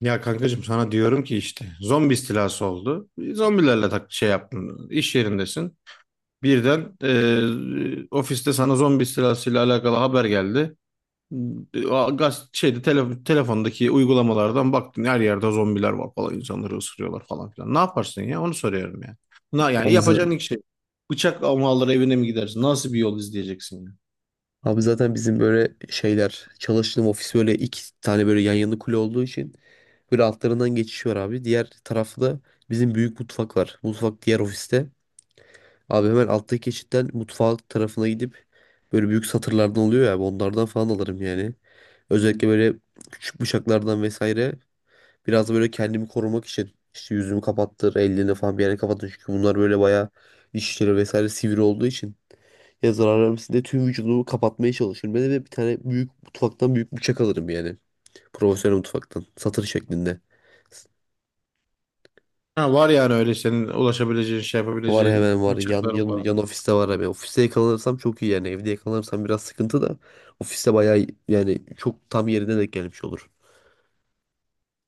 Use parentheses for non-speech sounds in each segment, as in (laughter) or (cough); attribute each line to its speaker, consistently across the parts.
Speaker 1: Ya kankacığım sana diyorum ki işte zombi istilası oldu. Zombilerle tak şey yaptın. İş yerindesin. Birden ofiste sana zombi istilasıyla alakalı haber geldi. Telefondaki uygulamalardan baktın her yerde zombiler var falan, insanları ısırıyorlar falan filan. Ne yaparsın ya? Onu soruyorum ya. Yani
Speaker 2: Abi, za-
Speaker 1: yapacağın ilk şey, bıçak mı alır evine mi gidersin? Nasıl bir yol izleyeceksin ya?
Speaker 2: Abi zaten bizim böyle şeyler çalıştığım ofis böyle iki tane böyle yan yana kule olduğu için böyle altlarından geçiş var abi. Diğer tarafta da bizim büyük mutfak var. Mutfak diğer ofiste. Abi hemen alttaki geçitten mutfak tarafına gidip böyle büyük satırlardan oluyor ya abi, onlardan falan alırım yani. Özellikle böyle küçük bıçaklardan vesaire biraz da böyle kendimi korumak için işte yüzümü kapattır, ellerini falan bir yere kapattır. Çünkü bunlar böyle bayağı dişleri vesaire sivri olduğu için Yazar aramsinde tüm vücudumu kapatmaya çalışırım. Ben de bir tane büyük mutfaktan büyük bıçak alırım yani. Profesyonel mutfaktan. Satır şeklinde.
Speaker 1: Ha, var yani öyle senin ulaşabileceğin şey,
Speaker 2: Var
Speaker 1: yapabileceğin
Speaker 2: hemen var. Yan,
Speaker 1: bıçakların.
Speaker 2: yan, yan ofiste var hemen. Ofiste yakalanırsam çok iyi yani. Evde yakalanırsam biraz sıkıntı da. Ofiste bayağı yani çok tam yerine denk gelmiş olur.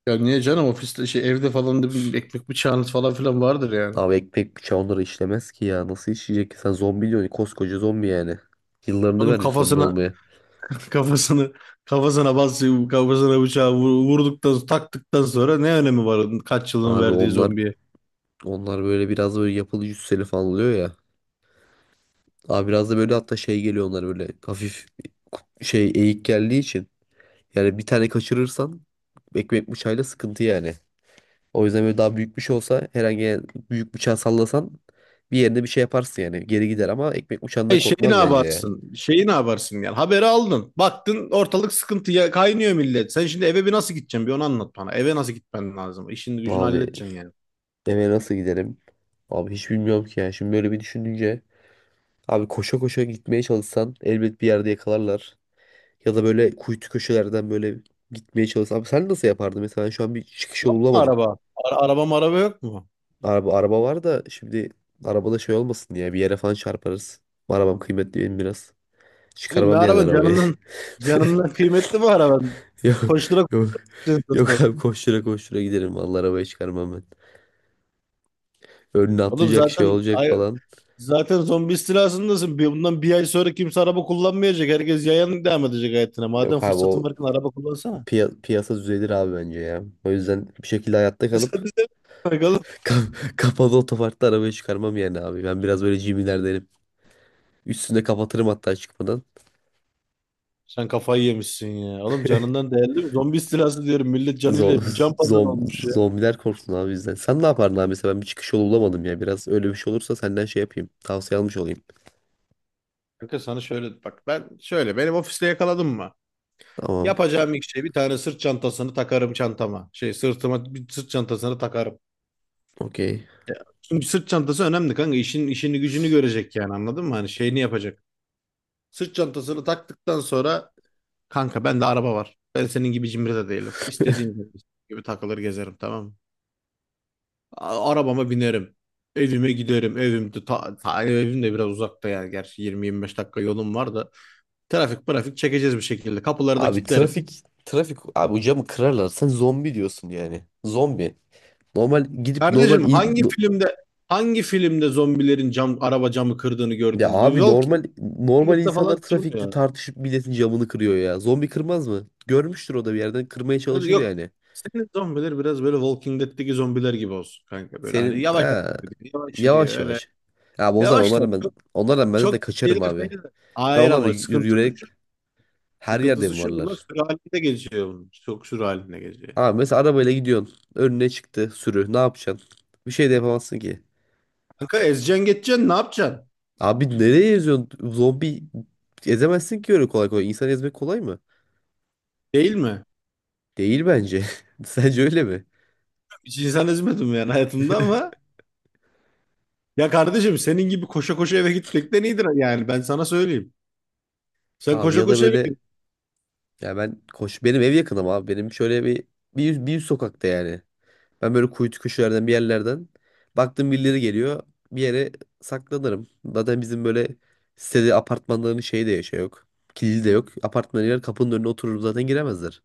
Speaker 1: Ya niye canım, ofiste şey, evde falan da bir ekmek bıçağınız falan filan vardır yani.
Speaker 2: Abi ekmek bıçağı onları işlemez ki ya. Nasıl işleyecek ki? Sen zombi diyorsun. Koskoca zombi yani. Yıllarını
Speaker 1: Oğlum
Speaker 2: vermiş zombi
Speaker 1: kafasına
Speaker 2: olmaya.
Speaker 1: (laughs) kafasını kafasına basıyor, kafasına bıçağı vurduktan taktıktan sonra ne önemi var onun kaç yılın
Speaker 2: Abi
Speaker 1: verdiği
Speaker 2: onlar
Speaker 1: zombiye?
Speaker 2: onlar böyle biraz böyle yapılı cüsseli falan oluyor ya. Abi biraz da böyle hatta şey geliyor onlara böyle hafif şey eğik geldiği için. Yani bir tane kaçırırsan ekmek bıçağıyla sıkıntı yani. O yüzden böyle daha büyük bir şey olsa herhangi büyük bıçağı sallasan bir yerine bir şey yaparsın yani. Geri gider ama ekmek bıçağından
Speaker 1: E şeyi ne
Speaker 2: korkmaz bence ya.
Speaker 1: yaparsın? Şeyi ne yaparsın yani? Haberi aldın. Baktın ortalık sıkıntıya kaynıyor, millet. Sen şimdi eve bir nasıl gideceksin? Bir onu anlat bana. Eve nasıl gitmen lazım? İşin gücünü
Speaker 2: Abi
Speaker 1: halledeceksin yani.
Speaker 2: eve nasıl giderim? Abi hiç bilmiyorum ki ya. Şimdi böyle bir düşününce abi koşa koşa gitmeye çalışsan elbet bir yerde yakalarlar. Ya da böyle kuytu köşelerden böyle gitmeye çalışsan. Abi sen nasıl yapardın? Mesela şu an bir çıkış
Speaker 1: Yok
Speaker 2: yolu
Speaker 1: mu
Speaker 2: bulamadım.
Speaker 1: araba? Araba maraba yok mu?
Speaker 2: Araba var da şimdi arabada şey olmasın diye bir yere falan çarparız. Arabam kıymetli benim biraz.
Speaker 1: Oğlum ne
Speaker 2: Çıkarmam yani
Speaker 1: araban?
Speaker 2: arabayı.
Speaker 1: Canından
Speaker 2: (laughs)
Speaker 1: canından kıymetli bu araban.
Speaker 2: Yok
Speaker 1: Koştura
Speaker 2: yok
Speaker 1: koştura.
Speaker 2: yok abi koştura koştura giderim vallahi arabayı çıkarmam ben. Önüne
Speaker 1: Oğlum
Speaker 2: atlayacak şey
Speaker 1: zaten
Speaker 2: olacak
Speaker 1: ay,
Speaker 2: falan.
Speaker 1: zaten zombi istilasındasın. Bundan bir ay sonra kimse araba kullanmayacak. Herkes yayan devam edecek hayatına. Madem
Speaker 2: Yok abi
Speaker 1: fırsatın
Speaker 2: o
Speaker 1: varken araba kullansana. (laughs)
Speaker 2: piyasa düzelir abi bence ya. O yüzden bir şekilde hayatta
Speaker 1: Sen
Speaker 2: kalıp
Speaker 1: de Oğlum.
Speaker 2: (laughs) kapalı otoparkta arabayı çıkarmam yani abi. Ben biraz böyle cimilerdenim. Üstünde kapatırım hatta çıkmadan.
Speaker 1: Sen kafayı yemişsin ya. Oğlum canından değerli mi? Zombi istilası diyorum. Millet canıyla
Speaker 2: Zo-
Speaker 1: can
Speaker 2: (laughs)
Speaker 1: pazarı
Speaker 2: zom-
Speaker 1: olmuş ya.
Speaker 2: zombiler korksun abi bizden. Sen ne yapardın abi mesela ben bir çıkış yolu bulamadım ya. Biraz öyle bir şey olursa senden şey yapayım. Tavsiye almış olayım.
Speaker 1: Kanka sana şöyle bak, ben şöyle, benim ofiste yakaladım mı,
Speaker 2: Tamam.
Speaker 1: yapacağım ilk şey, bir tane sırt çantasını takarım çantama. Şey, sırtıma bir sırt çantasını takarım.
Speaker 2: Okey.
Speaker 1: Çünkü sırt çantası önemli kanka. İşin işini gücünü görecek, yani anladın mı? Hani şeyini yapacak. Sırt çantasını taktıktan sonra kanka, bende araba var. Ben senin gibi cimri de değilim. İstediğim gibi takılır gezerim, tamam mı? Arabama binerim. Evime giderim. Evim de, evim de biraz uzakta yani. Gerçi 20-25 dakika yolum var da. Trafik çekeceğiz bir şekilde. Kapıları da
Speaker 2: Abi
Speaker 1: kilitlerim.
Speaker 2: trafik trafik abi o camı kırarlar. Sen zombi diyorsun yani. Zombi. Normal gidip normal
Speaker 1: Kardeşim hangi filmde hangi filmde zombilerin cam, araba camı kırdığını
Speaker 2: ya
Speaker 1: gördün? Bu
Speaker 2: abi
Speaker 1: Walking
Speaker 2: normal
Speaker 1: Dead'de
Speaker 2: insanlar
Speaker 1: falan
Speaker 2: trafikte
Speaker 1: kırmıyor.
Speaker 2: tartışıp milletin camını kırıyor ya. Zombi kırmaz mı? Görmüştür o da bir yerden kırmaya çalışır
Speaker 1: Yok.
Speaker 2: yani.
Speaker 1: Senin zombiler biraz böyle Walking Dead'teki zombiler gibi olsun kanka. Böyle hani
Speaker 2: Senin
Speaker 1: yavaş
Speaker 2: ha,
Speaker 1: hareket ediyor, yavaş yürüyor
Speaker 2: yavaş
Speaker 1: öyle.
Speaker 2: yavaş. Abi o zaman
Speaker 1: Yavaşlar.
Speaker 2: onlarla ben
Speaker 1: Çok,
Speaker 2: onlarla ben de
Speaker 1: çok
Speaker 2: kaçarım
Speaker 1: şeyler değil
Speaker 2: abi.
Speaker 1: de.
Speaker 2: Ya
Speaker 1: Hayır
Speaker 2: onlar
Speaker 1: ama
Speaker 2: yürüyerek her yerde
Speaker 1: sıkıntısı
Speaker 2: mi
Speaker 1: şu. Bunlar
Speaker 2: varlar?
Speaker 1: sürü halinde geziyor bunlar. Çok sürü halinde geziyor.
Speaker 2: Abi mesela arabayla gidiyorsun. Önüne çıktı sürü. Ne yapacaksın? Bir şey de yapamazsın ki.
Speaker 1: Kanka ezeceksin geçeceksin, ne yapacaksın?
Speaker 2: Abi nereye eziyorsun? Zombi ezemezsin ki öyle kolay kolay. İnsan ezmek kolay mı?
Speaker 1: Değil mi?
Speaker 2: Değil bence. (laughs) Sence öyle mi?
Speaker 1: Hiç insan ezmedim yani hayatımda ama. Ya kardeşim, senin gibi koşa koşa eve gitmekten iyidir yani. Ben sana söyleyeyim. Sen
Speaker 2: Abi
Speaker 1: koşa
Speaker 2: ya da
Speaker 1: koşa eve
Speaker 2: böyle
Speaker 1: git.
Speaker 2: ya ben koş benim ev yakınım abi. Benim şöyle bir yüz sokakta yani. Ben böyle kuytu köşelerden bir yerlerden baktım birileri geliyor. Bir yere saklanırım. Zaten bizim böyle sitede apartmanların şeyi de şey yok. Kilidi de yok. Apartmana girer kapının önüne otururum zaten giremezler.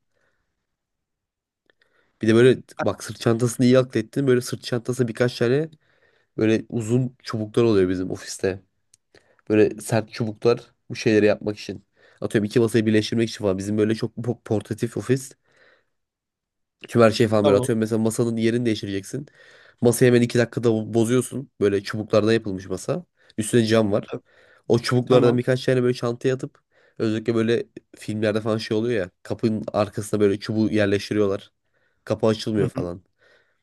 Speaker 2: Bir de böyle bak sırt çantasını iyi aklettin. Böyle sırt çantasına birkaç tane böyle uzun çubuklar oluyor bizim ofiste. Böyle sert çubuklar bu şeyleri yapmak için. Atıyorum iki masayı birleştirmek için falan. Bizim böyle çok portatif ofis. Tüm her şeyi falan böyle
Speaker 1: Tamam.
Speaker 2: atıyorum. Mesela masanın yerini değiştireceksin. Masayı hemen iki dakikada bozuyorsun. Böyle çubuklardan yapılmış masa. Üstüne cam var. O çubuklardan
Speaker 1: Tamam.
Speaker 2: birkaç tane böyle çantaya atıp özellikle böyle filmlerde falan şey oluyor ya. Kapının arkasına böyle çubuğu yerleştiriyorlar. Kapı
Speaker 1: Hı
Speaker 2: açılmıyor
Speaker 1: hı.
Speaker 2: falan.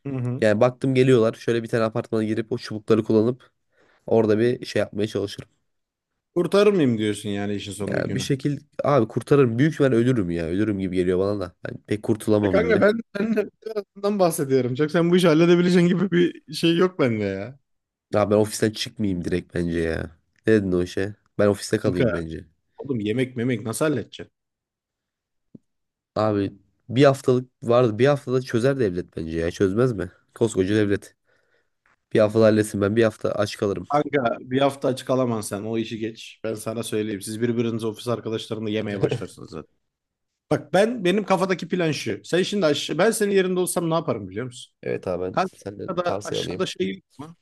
Speaker 1: Hı hı.
Speaker 2: Yani baktım geliyorlar. Şöyle bir tane apartmana girip o çubukları kullanıp orada bir şey yapmaya çalışırım.
Speaker 1: Kurtarır mıyım diyorsun yani işin sonunda
Speaker 2: Yani bir
Speaker 1: günü.
Speaker 2: şekil abi kurtarırım. Büyük ben ölürüm ya. Ölürüm gibi geliyor bana da. Ben pek
Speaker 1: Ya
Speaker 2: kurtulamam
Speaker 1: kanka
Speaker 2: gibi.
Speaker 1: ben, ben de birazdan bahsediyorum. Çok sen bu işi halledebileceğin gibi bir şey yok bende ya.
Speaker 2: Abi ben ofisten çıkmayayım direkt bence ya. Ne dedin o işe? Ben ofiste
Speaker 1: Kanka,
Speaker 2: kalayım bence.
Speaker 1: oğlum yemek memek nasıl halledeceksin?
Speaker 2: Abi bir haftalık vardı. Bir haftada çözer devlet bence ya. Çözmez mi? Koskoca devlet. Bir haftada halletsin ben bir hafta aç kalırım.
Speaker 1: Kanka bir hafta açık alamam, sen o işi geç. Ben sana söyleyeyim. Siz birbiriniz ofis arkadaşlarınla yemeye
Speaker 2: (laughs)
Speaker 1: başlarsınız zaten. Bak, benim kafadaki plan şu. Sen şimdi aşağı, ben senin yerinde olsam ne yaparım biliyor musun?
Speaker 2: Evet abi ben
Speaker 1: Kanka
Speaker 2: senden tavsiye alayım.
Speaker 1: aşağıda şey yok mu?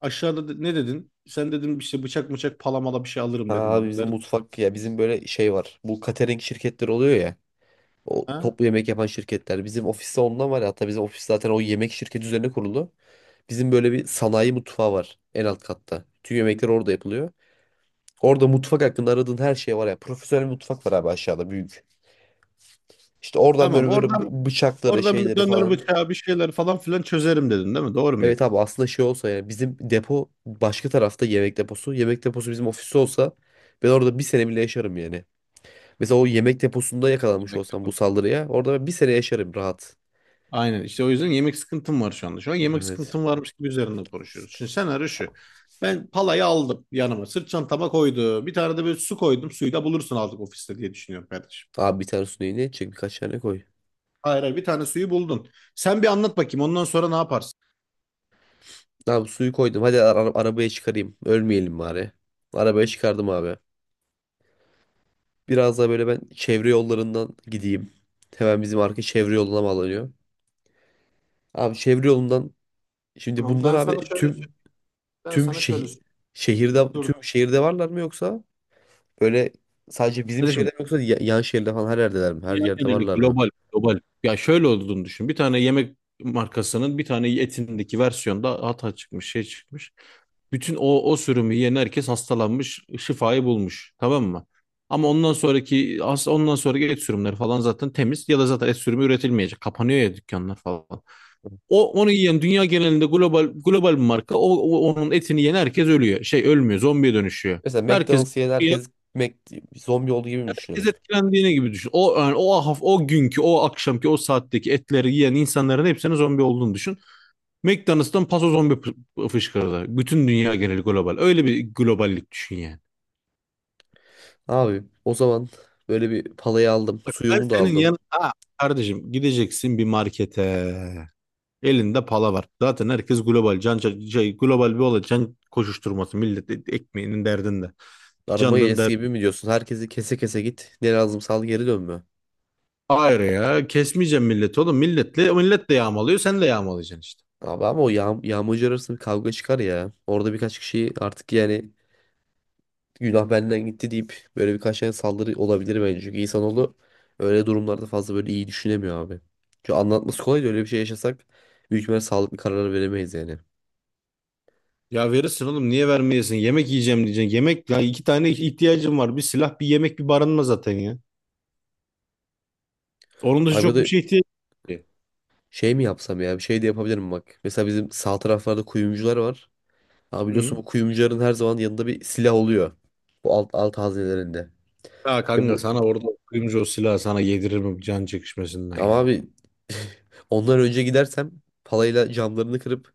Speaker 1: Aşağıda ne dedin? Sen dedin işte bıçak mıçak palamala bir şey
Speaker 2: Ha
Speaker 1: alırım dedim bana.
Speaker 2: abi bizim
Speaker 1: Nerede?
Speaker 2: mutfak ya bizim böyle şey var. Bu catering şirketleri oluyor ya. O
Speaker 1: Ha?
Speaker 2: toplu yemek yapan şirketler. Bizim ofiste ondan var ya. Hatta bizim ofis zaten o yemek şirketi üzerine kuruldu. Bizim böyle bir sanayi mutfağı var en alt katta. Tüm yemekler orada yapılıyor. Orada mutfak hakkında aradığın her şey var ya. Profesyonel mutfak var abi aşağıda büyük. İşte oradan
Speaker 1: Tamam
Speaker 2: böyle böyle
Speaker 1: oradan
Speaker 2: bıçakları
Speaker 1: oradan bir
Speaker 2: şeyleri
Speaker 1: döner
Speaker 2: falan.
Speaker 1: bıçağı bir şeyler falan filan çözerim dedin değil mi? Doğru muyum?
Speaker 2: Evet abi aslında şey olsa yani bizim depo başka tarafta yemek deposu. Yemek deposu bizim ofiste olsa ben orada bir sene bile yaşarım yani. Mesela o yemek deposunda yakalanmış
Speaker 1: Yemekte
Speaker 2: olsam bu
Speaker 1: konuşuyoruz.
Speaker 2: saldırıya orada ben bir sene yaşarım rahat.
Speaker 1: Aynen işte, o yüzden yemek sıkıntım var şu anda. Şu an yemek
Speaker 2: Evet.
Speaker 1: sıkıntım varmış gibi üzerinde konuşuyoruz. Şimdi senaryo şu. Ben palayı aldım yanıma. Sırt çantama koydum. Bir tane de böyle su koydum. Suyu da bulursun artık ofiste diye düşünüyorum kardeşim.
Speaker 2: Abi bir tane su ne edecek birkaç tane koy.
Speaker 1: Hayır, bir tane suyu buldun. Sen bir anlat bakayım, ondan sonra ne yaparsın?
Speaker 2: Abi suyu koydum hadi arabaya çıkarayım ölmeyelim bari. Arabaya çıkardım abi. Biraz daha böyle ben çevre yollarından gideyim. Hemen bizim arka çevre yoluna bağlanıyor. Abi çevre yolundan şimdi
Speaker 1: Tamam
Speaker 2: bunlar
Speaker 1: ben sana
Speaker 2: abi
Speaker 1: şöyle söyleyeyim. Ben
Speaker 2: tüm
Speaker 1: sana şöyle
Speaker 2: şehir
Speaker 1: söyleyeyim.
Speaker 2: şehirde
Speaker 1: Dur.
Speaker 2: tüm şehirde varlar mı yoksa böyle sadece bizim şehirde
Speaker 1: Kardeşim
Speaker 2: mi yoksa yan şehirde falan her yerdeler mi? Her
Speaker 1: Dünya
Speaker 2: yerde
Speaker 1: geneli,
Speaker 2: varlar mı?
Speaker 1: global. Ya şöyle olduğunu düşün. Bir tane yemek markasının bir tane etindeki versiyonda hata çıkmış, şey çıkmış. Bütün o sürümü yiyen herkes hastalanmış, şifayı bulmuş. Tamam mı? Ama ondan sonraki et sürümleri falan zaten temiz, ya da zaten et sürümü üretilmeyecek. Kapanıyor ya dükkanlar falan. Onu yiyen dünya genelinde, global global bir marka, onun etini yiyen herkes ölüyor. Şey, ölmüyor, zombiye dönüşüyor.
Speaker 2: Mesela
Speaker 1: Herkes
Speaker 2: McDonald's yiyen herkes Mac, zombi olduğu gibi mi
Speaker 1: herkes
Speaker 2: düşünelim?
Speaker 1: etkilendiğine gibi düşün. O yani o günkü, o akşamki, o saatteki etleri yiyen insanların hepsinin zombi olduğunu düşün. McDonald's'tan paso zombi fışkırdı. Bütün dünya geneli global. Öyle bir globallik düşün yani.
Speaker 2: Abi o zaman böyle bir palayı aldım,
Speaker 1: Bak ben
Speaker 2: suyumu da
Speaker 1: senin
Speaker 2: aldım.
Speaker 1: yan Aa, Kardeşim gideceksin bir markete. Elinde pala var. Zaten herkes global. Global bir olay. Can koşuşturması, millet ekmeğinin derdinde.
Speaker 2: Arama
Speaker 1: Canının
Speaker 2: gelesi
Speaker 1: derdinde.
Speaker 2: gibi mi diyorsun? Herkesi kese kese git. Ne lazımsa al geri dön mü?
Speaker 1: Hayır ya, kesmeyeceğim milleti oğlum. Millet de yağmalıyor, sen de yağmalayacaksın işte.
Speaker 2: Abi ama o yağ yağmurcu arasında bir kavga çıkar ya. Orada birkaç kişi artık yani günah benden gitti deyip böyle birkaç tane saldırı olabilir bence. Çünkü insanoğlu öyle durumlarda fazla böyle iyi düşünemiyor abi. Çünkü anlatması kolay da öyle bir şey yaşasak büyük ihtimalle sağlıklı karar veremeyiz yani.
Speaker 1: Ya verirsin oğlum, niye vermeyesin? Yemek yiyeceğim diyeceksin. Yemek ya, iki tane ihtiyacım var. Bir silah, bir yemek, bir barınma zaten ya. Onun dışı
Speaker 2: Abi
Speaker 1: çok bir
Speaker 2: de
Speaker 1: şey ihtiyacım yok ki.
Speaker 2: şey mi yapsam ya bir şey de yapabilirim bak. Mesela bizim sağ taraflarda kuyumcular var. Abi biliyorsun
Speaker 1: Hı.
Speaker 2: bu kuyumcuların her zaman yanında bir silah oluyor. Bu alt hazinelerinde.
Speaker 1: Ya
Speaker 2: Ve
Speaker 1: kanka
Speaker 2: bu
Speaker 1: sana orada kuyumcu o silahı sana yediririm can çekişmesinden
Speaker 2: Ama
Speaker 1: ya.
Speaker 2: abi (laughs) ondan önce gidersem palayla camlarını kırıp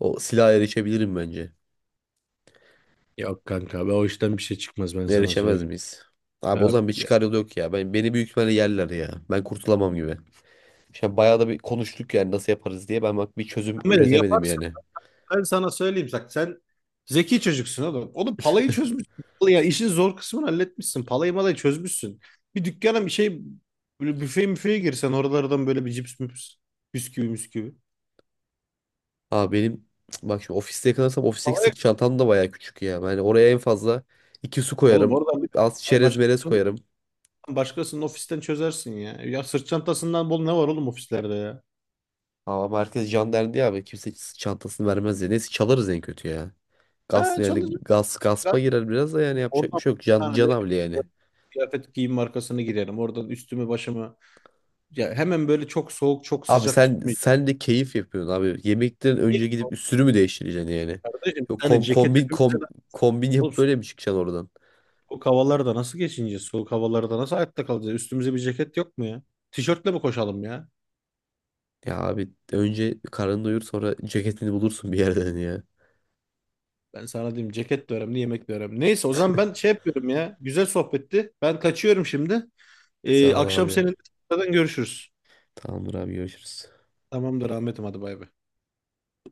Speaker 2: o silaha erişebilirim bence.
Speaker 1: Yok kanka be, o işten bir şey çıkmaz, ben sana
Speaker 2: Erişemez
Speaker 1: söyleyeyim.
Speaker 2: miyiz? Abi o
Speaker 1: Yok.
Speaker 2: zaman bir
Speaker 1: Ya.
Speaker 2: çıkar yolu yok ya. Beni büyük ihtimalle yerler ya. Ben kurtulamam gibi. Şimdi bayağı da bir konuştuk yani nasıl yaparız diye. Ben bak bir çözüm
Speaker 1: Ahmet'im
Speaker 2: üretemedim
Speaker 1: yaparsın.
Speaker 2: yani.
Speaker 1: Ben sana söyleyeyim, bak sen zeki çocuksun oğlum. Oğlum palayı çözmüşsün. Ya işin zor kısmını halletmişsin. Palayı malayı çözmüşsün. Bir dükkana bir şey, böyle büfe müfeye girsen oralardan böyle bir cips müps, bisküvi müsküvi.
Speaker 2: Abi benim (tsk) bak şimdi ofiste yakalarsam ofisteki
Speaker 1: Palaya
Speaker 2: sırt çantam da bayağı küçük ya. Yani oraya en fazla iki su
Speaker 1: oğlum
Speaker 2: koyarım.
Speaker 1: oradan bir
Speaker 2: Az
Speaker 1: ay
Speaker 2: çerez merez
Speaker 1: Başkasının,
Speaker 2: koyarım.
Speaker 1: başkasının ofisten çözersin ya. Ya sırt çantasından bol ne var oğlum ofislerde ya.
Speaker 2: Ama merkez can derdi ya abi. Kimse sırt çantasını vermez ya. Neyse çalarız en kötü ya. Gas
Speaker 1: Ha,
Speaker 2: yani
Speaker 1: çalışırım.
Speaker 2: gas
Speaker 1: Ben
Speaker 2: gaspa girer biraz da yani yapacak bir
Speaker 1: Oradan
Speaker 2: şey yok.
Speaker 1: bir
Speaker 2: Can,
Speaker 1: tane de
Speaker 2: canavli yani.
Speaker 1: kıyafet giyim markasını girerim. Oradan üstümü başımı, ya hemen böyle, çok soğuk çok
Speaker 2: Abi
Speaker 1: sıcak
Speaker 2: sen
Speaker 1: tutmayacağım.
Speaker 2: sen de keyif yapıyorsun abi. Yemekten önce gidip üstünü mü değiştireceksin yani?
Speaker 1: Kardeşim bir
Speaker 2: Yok
Speaker 1: tane
Speaker 2: kom,
Speaker 1: ceket
Speaker 2: kombin
Speaker 1: hepimize
Speaker 2: kom,
Speaker 1: lazım.
Speaker 2: kombin
Speaker 1: Oğlum,
Speaker 2: yapıp böyle mi çıkacaksın oradan?
Speaker 1: soğuk havalarda nasıl geçineceğiz? Soğuk havalarda nasıl hayatta kalacağız? Üstümüze bir ceket yok mu ya? Tişörtle mi koşalım ya?
Speaker 2: Ya abi önce karnını doyur sonra ceketini bulursun bir yerden ya.
Speaker 1: Ben sana diyeyim, ceket de önemli, yemek de önemli. Neyse, o zaman ben şey yapıyorum ya. Güzel sohbetti. Ben kaçıyorum şimdi.
Speaker 2: Sağ ol
Speaker 1: Akşam
Speaker 2: abi.
Speaker 1: seninle tekrardan görüşürüz.
Speaker 2: Tamamdır abi görüşürüz.
Speaker 1: Tamamdır Ahmet'im, hadi bay bay.